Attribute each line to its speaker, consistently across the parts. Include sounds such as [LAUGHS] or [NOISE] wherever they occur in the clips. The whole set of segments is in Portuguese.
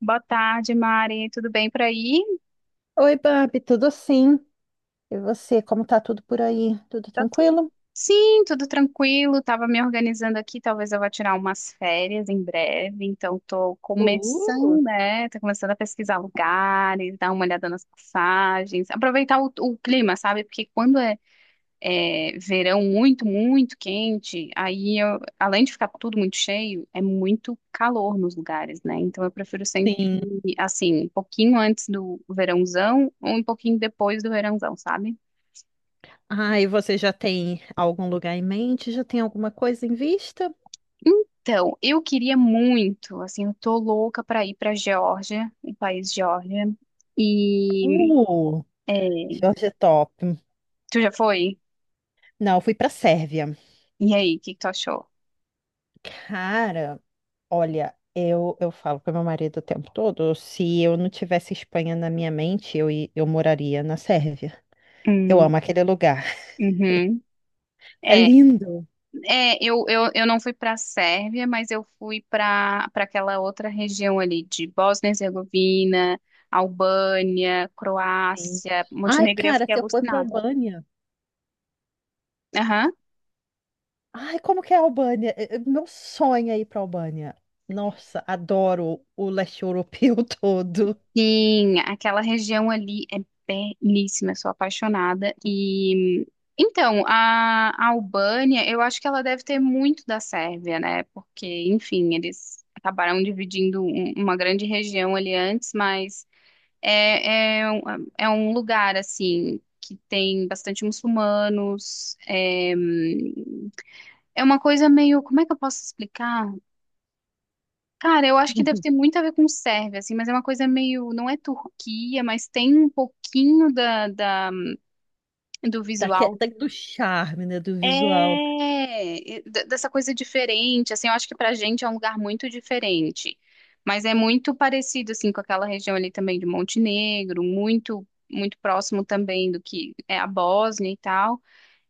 Speaker 1: Boa tarde, Mari. Tudo bem por aí?
Speaker 2: Oi, Babi, tudo sim? E você, como tá tudo por aí? Tudo
Speaker 1: Tá tu-
Speaker 2: tranquilo?
Speaker 1: Sim, tudo tranquilo. Tava me organizando aqui. Talvez eu vá tirar umas férias em breve. Então, tô
Speaker 2: Uh,
Speaker 1: começando, né? Tô começando a pesquisar lugares, dar uma olhada nas passagens, aproveitar o clima, sabe? Porque quando é verão muito, muito quente, além de ficar tudo muito cheio, é muito calor nos lugares, né? Então eu prefiro sempre
Speaker 2: sim.
Speaker 1: ir, assim, um pouquinho antes do verãozão ou um pouquinho depois do verãozão, sabe?
Speaker 2: Ah, e você já tem algum lugar em mente? Já tem alguma coisa em vista?
Speaker 1: Então, eu queria muito, assim, eu tô louca pra ir pra Geórgia, o país Geórgia. E
Speaker 2: Uh,
Speaker 1: é,
Speaker 2: Jorge é top.
Speaker 1: Tu já foi?
Speaker 2: Não, eu fui pra Sérvia.
Speaker 1: E aí, o que que tu achou?
Speaker 2: Cara, olha, eu falo pro meu marido o tempo todo, se eu não tivesse Espanha na minha mente, eu, eu moraria na Sérvia. Eu
Speaker 1: Hum,
Speaker 2: amo aquele lugar.
Speaker 1: uhum.
Speaker 2: É lindo.
Speaker 1: Eu não fui para a Sérvia, mas eu fui para aquela outra região ali de Bósnia e Herzegovina, Albânia,
Speaker 2: Sim.
Speaker 1: Croácia,
Speaker 2: Ai,
Speaker 1: Montenegro, eu
Speaker 2: cara,
Speaker 1: fiquei
Speaker 2: se eu for para
Speaker 1: alucinada.
Speaker 2: Albânia.
Speaker 1: Aham.
Speaker 2: Ai, como que é a Albânia? Meu sonho é ir pra Albânia. Nossa, adoro o leste europeu [LAUGHS] todo.
Speaker 1: Sim, aquela região ali é belíssima, eu sou apaixonada. E então, a Albânia, eu acho que ela deve ter muito da Sérvia, né? Porque, enfim, eles acabaram dividindo uma grande região ali antes, mas É, é, um- é um lugar, assim, que tem bastante muçulmanos. É uma coisa meio. Como é que eu posso explicar? Cara, eu acho que deve ter muito a ver com Sérvia, assim, mas é uma coisa meio. Não é Turquia, mas tem um pouquinho do visual.
Speaker 2: Do charme, né? Do visual.
Speaker 1: E dessa coisa diferente, assim, eu acho que pra gente é um lugar muito diferente, mas é muito parecido, assim, com aquela região ali também de Montenegro, muito, muito próximo também do que é a Bósnia e tal.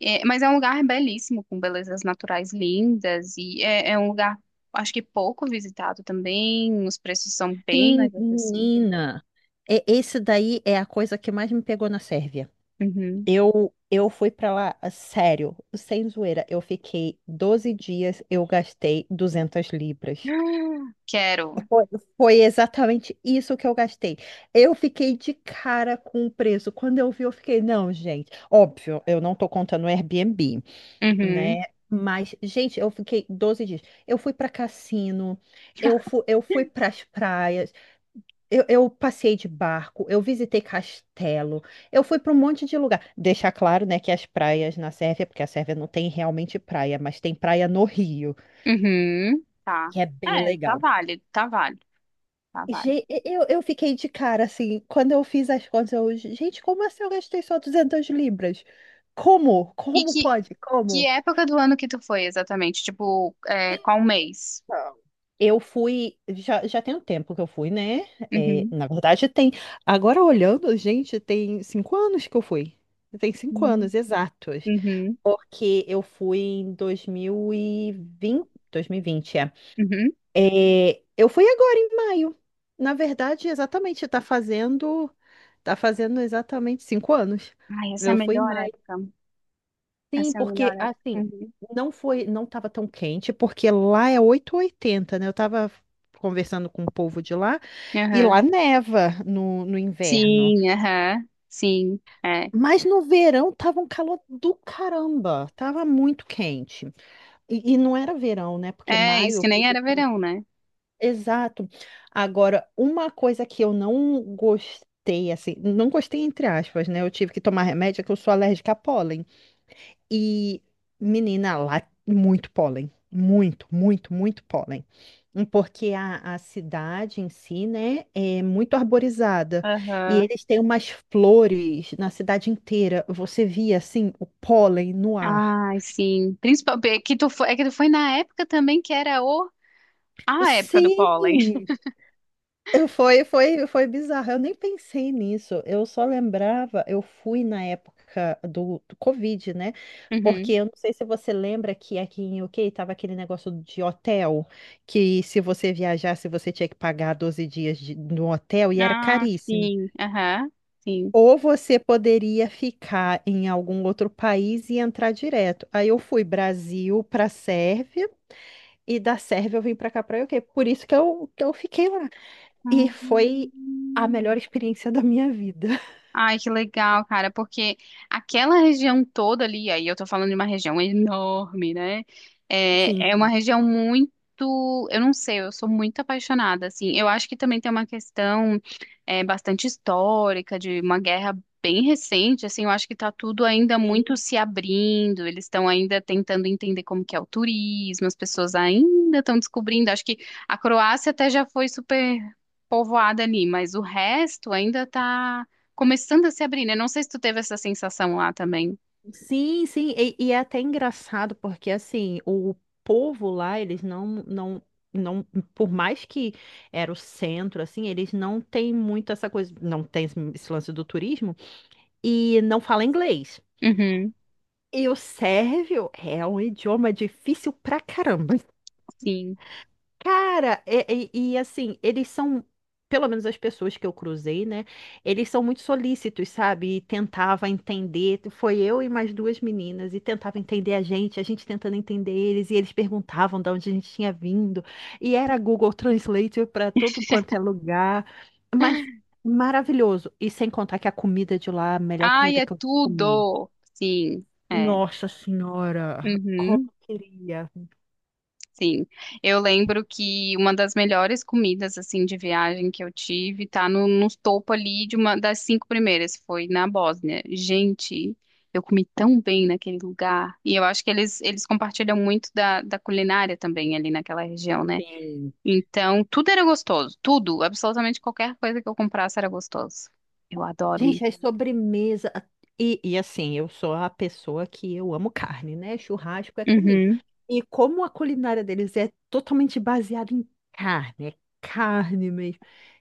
Speaker 1: Mas é um lugar belíssimo, com belezas naturais lindas, e é um lugar, acho que pouco visitado também, os preços são bem
Speaker 2: Sim,
Speaker 1: mais acessíveis.
Speaker 2: menina. É, esse daí é a coisa que mais me pegou na Sérvia.
Speaker 1: Uhum.
Speaker 2: Eu fui pra lá, a sério, sem zoeira. Eu fiquei 12 dias, eu gastei 200 libras.
Speaker 1: [GASPS] Quero.
Speaker 2: Foi foi exatamente isso que eu gastei. Eu fiquei de cara com o preço. Quando eu vi, eu fiquei, não, gente. Óbvio, eu não tô contando o Airbnb,
Speaker 1: Uhum.
Speaker 2: né? Mas, gente, eu fiquei 12 dias. Eu fui pra cassino, eu fui pras praias, eu passei de barco, eu visitei castelo, eu fui pra um monte de lugar. Deixar claro, né, que as praias na Sérvia, porque a Sérvia não tem realmente praia, mas tem praia no Rio,
Speaker 1: Uhum, tá.
Speaker 2: que é bem
Speaker 1: É, tá
Speaker 2: legal.
Speaker 1: válido, tá válido. Tá, vale.
Speaker 2: Eu fiquei de cara, assim, quando eu fiz as contas, eu, gente, como assim eu gastei só 200 libras? Como?
Speaker 1: E
Speaker 2: Como
Speaker 1: que,
Speaker 2: pode?
Speaker 1: que
Speaker 2: Como?
Speaker 1: época do ano que tu foi exatamente? Tipo, qual mês?
Speaker 2: Então, eu fui, já tem um tempo que eu fui, né? É,
Speaker 1: Uhum.
Speaker 2: na verdade, tem, agora olhando, gente, tem 5 anos que eu fui. Tem cinco
Speaker 1: Uhum.
Speaker 2: anos, exatos.
Speaker 1: Uhum.
Speaker 2: Porque eu fui em 2020, é.
Speaker 1: Uhum.
Speaker 2: É, eu fui agora em maio. Na verdade, exatamente, tá fazendo exatamente 5 anos.
Speaker 1: Ai, essa é a
Speaker 2: Eu fui em
Speaker 1: melhor
Speaker 2: maio.
Speaker 1: época.
Speaker 2: Sim,
Speaker 1: Essa é a melhor
Speaker 2: porque assim,
Speaker 1: época. Uhum.
Speaker 2: não tava tão quente, porque lá é oito e oitenta, né? Eu tava conversando com o povo de lá e
Speaker 1: Aham.
Speaker 2: lá neva no inverno.
Speaker 1: Sim, aham. Sim, é.
Speaker 2: Mas no verão tava um calor do caramba, tava muito quente. E não era verão, né? Porque
Speaker 1: É, isso
Speaker 2: maio.
Speaker 1: que nem era verão, né?
Speaker 2: Exato. Agora, uma coisa que eu não gostei, assim, não gostei entre aspas, né? Eu tive que tomar remédio, é que eu sou alérgica a pólen. E, menina, lá, muito pólen. Muito, muito, muito pólen. Porque a cidade em si, né, é muito arborizada. E
Speaker 1: Aham.
Speaker 2: eles têm umas flores na cidade inteira. Você via, assim, o pólen no ar.
Speaker 1: Ai, sim. Principalmente é que tu foi na época também que era o a época do pólen.
Speaker 2: Sim!
Speaker 1: [LAUGHS]
Speaker 2: Foi, foi bizarro. Eu nem pensei nisso. Eu só lembrava, eu fui na época do Covid, né? Porque
Speaker 1: Uhum.
Speaker 2: eu não sei se você lembra que aqui em UK tava aquele negócio de hotel, que se você viajasse, você tinha que pagar 12 dias de, no hotel e era
Speaker 1: Ah,
Speaker 2: caríssimo.
Speaker 1: sim, aham. Sim.
Speaker 2: Ou você poderia ficar em algum outro país e entrar direto. Aí eu fui Brasil para Sérvia e da Sérvia eu vim para cá para UK. Por isso que eu fiquei lá. E
Speaker 1: Ah.
Speaker 2: foi a melhor experiência da minha vida.
Speaker 1: Ai, que legal, cara, porque aquela região toda ali, aí eu tô falando de uma região enorme, né? É,
Speaker 2: Sim,
Speaker 1: é uma região muito, eu não sei, eu sou muito apaixonada, assim. Eu acho que também tem uma questão bastante histórica, de uma guerra bem recente, assim, eu acho que tá tudo ainda
Speaker 2: sim.
Speaker 1: muito se abrindo, eles estão ainda tentando entender como que é o turismo, as pessoas ainda estão descobrindo, acho que a Croácia até já foi super povoada ali, mas o resto ainda tá começando a se abrir, né? Não sei se tu teve essa sensação lá também.
Speaker 2: Sim, sim, e é até engraçado porque assim, o povo lá, eles não, não, não, por mais que era o centro, assim, eles não têm muito essa coisa, não tem esse lance do turismo e não fala inglês.
Speaker 1: Uhum,
Speaker 2: E o sérvio é um idioma difícil pra caramba.
Speaker 1: sim.
Speaker 2: Cara, assim, eles são, pelo menos as pessoas que eu cruzei, né? Eles são muito solícitos, sabe? E tentava entender. Foi eu e mais duas meninas, e tentava entender a gente tentando entender eles, e eles perguntavam de onde a gente tinha vindo. E era Google Translate para todo quanto é lugar. Mas maravilhoso. E sem contar que a comida de lá, a melhor
Speaker 1: Ai,
Speaker 2: comida
Speaker 1: é
Speaker 2: que eu comi.
Speaker 1: tudo! Sim, é.
Speaker 2: Nossa Senhora, como
Speaker 1: Uhum,
Speaker 2: eu queria.
Speaker 1: sim. Eu lembro que uma das melhores comidas, assim, de viagem que eu tive, tá no topo ali de uma das cinco primeiras, foi na Bósnia. Gente, eu comi tão bem naquele lugar. E eu acho que eles compartilham muito da culinária também ali naquela região, né?
Speaker 2: Bem.
Speaker 1: Então, tudo era gostoso. Tudo, absolutamente qualquer coisa que eu comprasse era gostoso. Eu adoro ir.
Speaker 2: Gente, as sobremesa. E assim, eu sou a pessoa que eu amo carne, né? Churrasco é comigo.
Speaker 1: Uhum.
Speaker 2: E como a culinária deles é totalmente baseada em carne, é carne mesmo.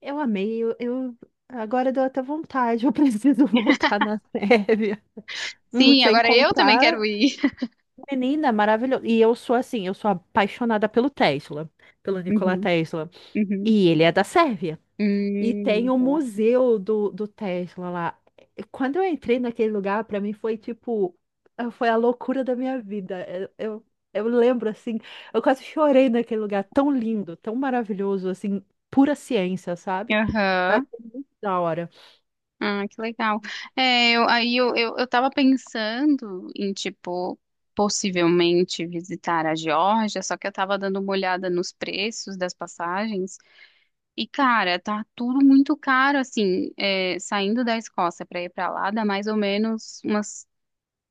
Speaker 2: Eu amei, agora deu até vontade, eu [LAUGHS] preciso voltar na Sérvia.
Speaker 1: Sim,
Speaker 2: Sem
Speaker 1: agora eu também
Speaker 2: contar,
Speaker 1: quero ir. [LAUGHS]
Speaker 2: menina, maravilhoso. E eu sou assim, eu sou apaixonada pelo Tesla, pelo Nikola
Speaker 1: Uhum,
Speaker 2: Tesla.
Speaker 1: uhum.
Speaker 2: E ele é da Sérvia. E tem o
Speaker 1: Sei.
Speaker 2: museu do Tesla lá. Quando eu entrei naquele lugar, para mim foi tipo, foi a loucura da minha vida. Eu lembro assim, eu quase chorei naquele lugar, tão lindo, tão maravilhoso, assim, pura ciência, sabe? Eu
Speaker 1: Aham.
Speaker 2: achei muito da hora.
Speaker 1: Ah, que legal. Aí eu tava pensando em, tipo, possivelmente visitar a Geórgia, só que eu tava dando uma olhada nos preços das passagens. E, cara, tá tudo muito caro, assim, saindo da Escócia pra ir pra lá, dá mais ou menos umas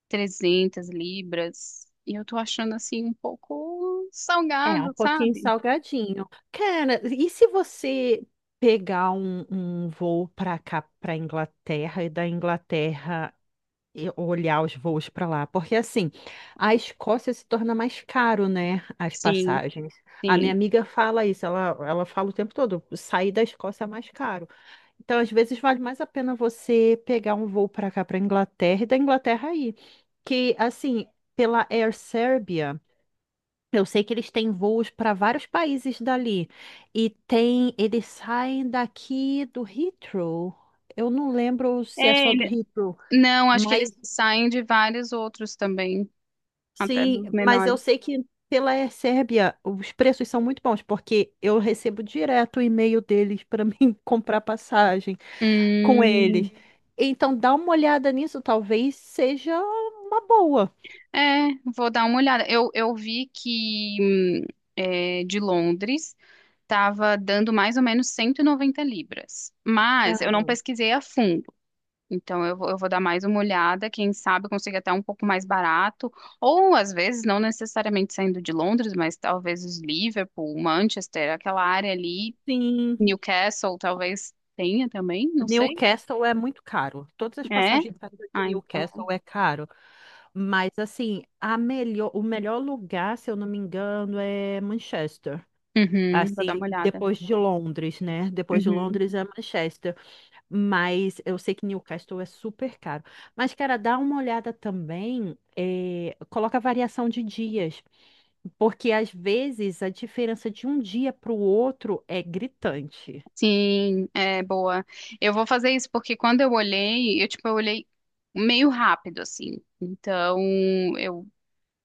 Speaker 1: 300 libras. E eu tô achando assim um pouco
Speaker 2: É, um
Speaker 1: salgado,
Speaker 2: pouquinho
Speaker 1: sabe?
Speaker 2: salgadinho. Cara, e se você pegar um voo para cá, para Inglaterra, e da Inglaterra e olhar os voos para lá, porque assim, a Escócia se torna mais caro, né, as
Speaker 1: Sim,
Speaker 2: passagens. A minha
Speaker 1: sim.
Speaker 2: amiga fala isso, ela fala o tempo todo, sair da Escócia é mais caro. Então, às vezes vale mais a pena você pegar um voo para cá, para Inglaterra e da Inglaterra aí, que assim, pela Air Serbia, eu sei que eles têm voos para vários países dali e tem, eles saem daqui do Heathrow. Eu não lembro se é
Speaker 1: É,
Speaker 2: só do
Speaker 1: ele...
Speaker 2: Heathrow,
Speaker 1: Não, acho que eles
Speaker 2: mas
Speaker 1: saem de vários outros também, até
Speaker 2: Sim,
Speaker 1: dos
Speaker 2: mas eu
Speaker 1: menores.
Speaker 2: sei que pela Sérbia os preços são muito bons, porque eu recebo direto o e-mail deles para [LAUGHS] mim comprar passagem com
Speaker 1: Hum,
Speaker 2: eles. Então dá uma olhada nisso, talvez seja uma boa.
Speaker 1: é, Vou dar uma olhada. Eu vi que de Londres estava dando mais ou menos 190 libras, mas eu não
Speaker 2: Aham.
Speaker 1: pesquisei a fundo. Então eu vou dar mais uma olhada, quem sabe eu consiga até um pouco mais barato, ou às vezes não necessariamente saindo de Londres, mas talvez os Liverpool, Manchester, aquela área ali,
Speaker 2: Sim,
Speaker 1: Newcastle talvez tenha também, não sei.
Speaker 2: Newcastle é muito caro. Todas as
Speaker 1: É?
Speaker 2: passagens saindo de
Speaker 1: Ah,
Speaker 2: Newcastle
Speaker 1: então.
Speaker 2: é caro. Mas assim, a melhor, o melhor lugar, se eu não me engano, é Manchester.
Speaker 1: Uhum, vou dar
Speaker 2: Assim,
Speaker 1: uma olhada.
Speaker 2: depois de Londres, né? Depois de
Speaker 1: Uhum.
Speaker 2: Londres é Manchester. Mas eu sei que Newcastle é super caro. Mas, cara, dá uma olhada também, coloca variação de dias. Porque às vezes a diferença de um dia para o outro é gritante.
Speaker 1: Sim, é boa. Eu vou fazer isso porque quando eu olhei, eu tipo, eu olhei meio rápido assim. Então, eu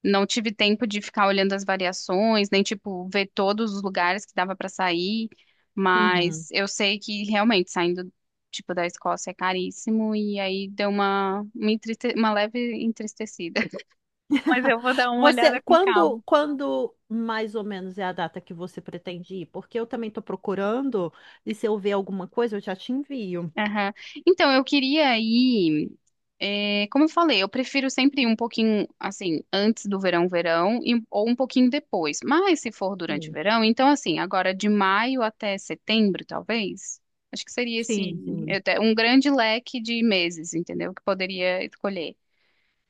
Speaker 1: não tive tempo de ficar olhando as variações, nem tipo ver todos os lugares que dava para sair, mas
Speaker 2: Uhum.
Speaker 1: eu sei que realmente saindo tipo da Escócia é caríssimo e aí deu uma leve entristecida. [LAUGHS] Mas
Speaker 2: [LAUGHS]
Speaker 1: eu vou dar uma
Speaker 2: Você,
Speaker 1: olhada com calma.
Speaker 2: quando mais ou menos é a data que você pretende ir? Porque eu também estou procurando, e se eu ver alguma coisa, eu já te envio.
Speaker 1: Aham. Então, eu queria ir. Como eu falei, eu prefiro sempre ir um pouquinho assim, antes do verão, verão, ou um pouquinho depois. Mas se for durante o
Speaker 2: Sim,
Speaker 1: verão, então assim, agora de maio até setembro, talvez. Acho que seria esse
Speaker 2: sim.
Speaker 1: até um grande leque de meses, entendeu? Que poderia escolher.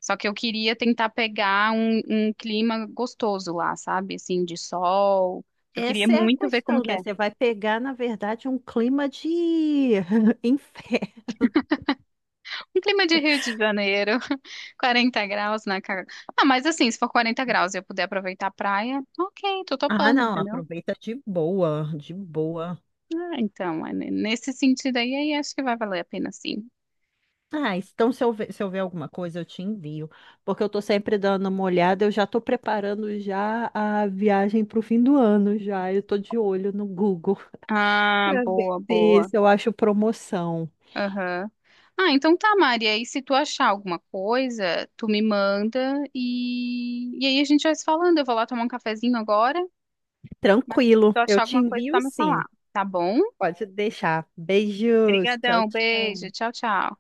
Speaker 1: Só que eu queria tentar pegar um clima gostoso lá, sabe? Assim, de sol. Eu queria
Speaker 2: Essa é a
Speaker 1: muito ver como
Speaker 2: questão,
Speaker 1: que
Speaker 2: né?
Speaker 1: é.
Speaker 2: Você vai pegar, na verdade, um clima de [LAUGHS] inferno.
Speaker 1: Um clima de Rio de Janeiro, [LAUGHS] 40 graus na cara. Ah, mas assim, se for 40 graus e eu puder aproveitar a praia, ok, tô
Speaker 2: Ah,
Speaker 1: topando,
Speaker 2: não,
Speaker 1: entendeu?
Speaker 2: aproveita de boa, de boa.
Speaker 1: Ah, então, nesse sentido aí acho que vai valer a pena sim.
Speaker 2: Ah, então se eu ver, alguma coisa, eu te envio. Porque eu tô sempre dando uma olhada, eu já tô preparando já a viagem pro fim do ano já. Eu tô de olho no Google [LAUGHS]
Speaker 1: Ah,
Speaker 2: para ver
Speaker 1: boa, boa.
Speaker 2: se eu acho promoção.
Speaker 1: Aham. Ah, então tá, Maria. E se tu achar alguma coisa, tu me manda e aí a gente vai se falando. Eu vou lá tomar um cafezinho agora, mas se
Speaker 2: Tranquilo,
Speaker 1: tu
Speaker 2: eu
Speaker 1: achar
Speaker 2: te
Speaker 1: alguma coisa, tá
Speaker 2: envio
Speaker 1: me falar,
Speaker 2: sim.
Speaker 1: tá bom?
Speaker 2: Pode deixar. Beijos, tchau,
Speaker 1: Obrigadão, beijo,
Speaker 2: tchau.
Speaker 1: tchau, tchau.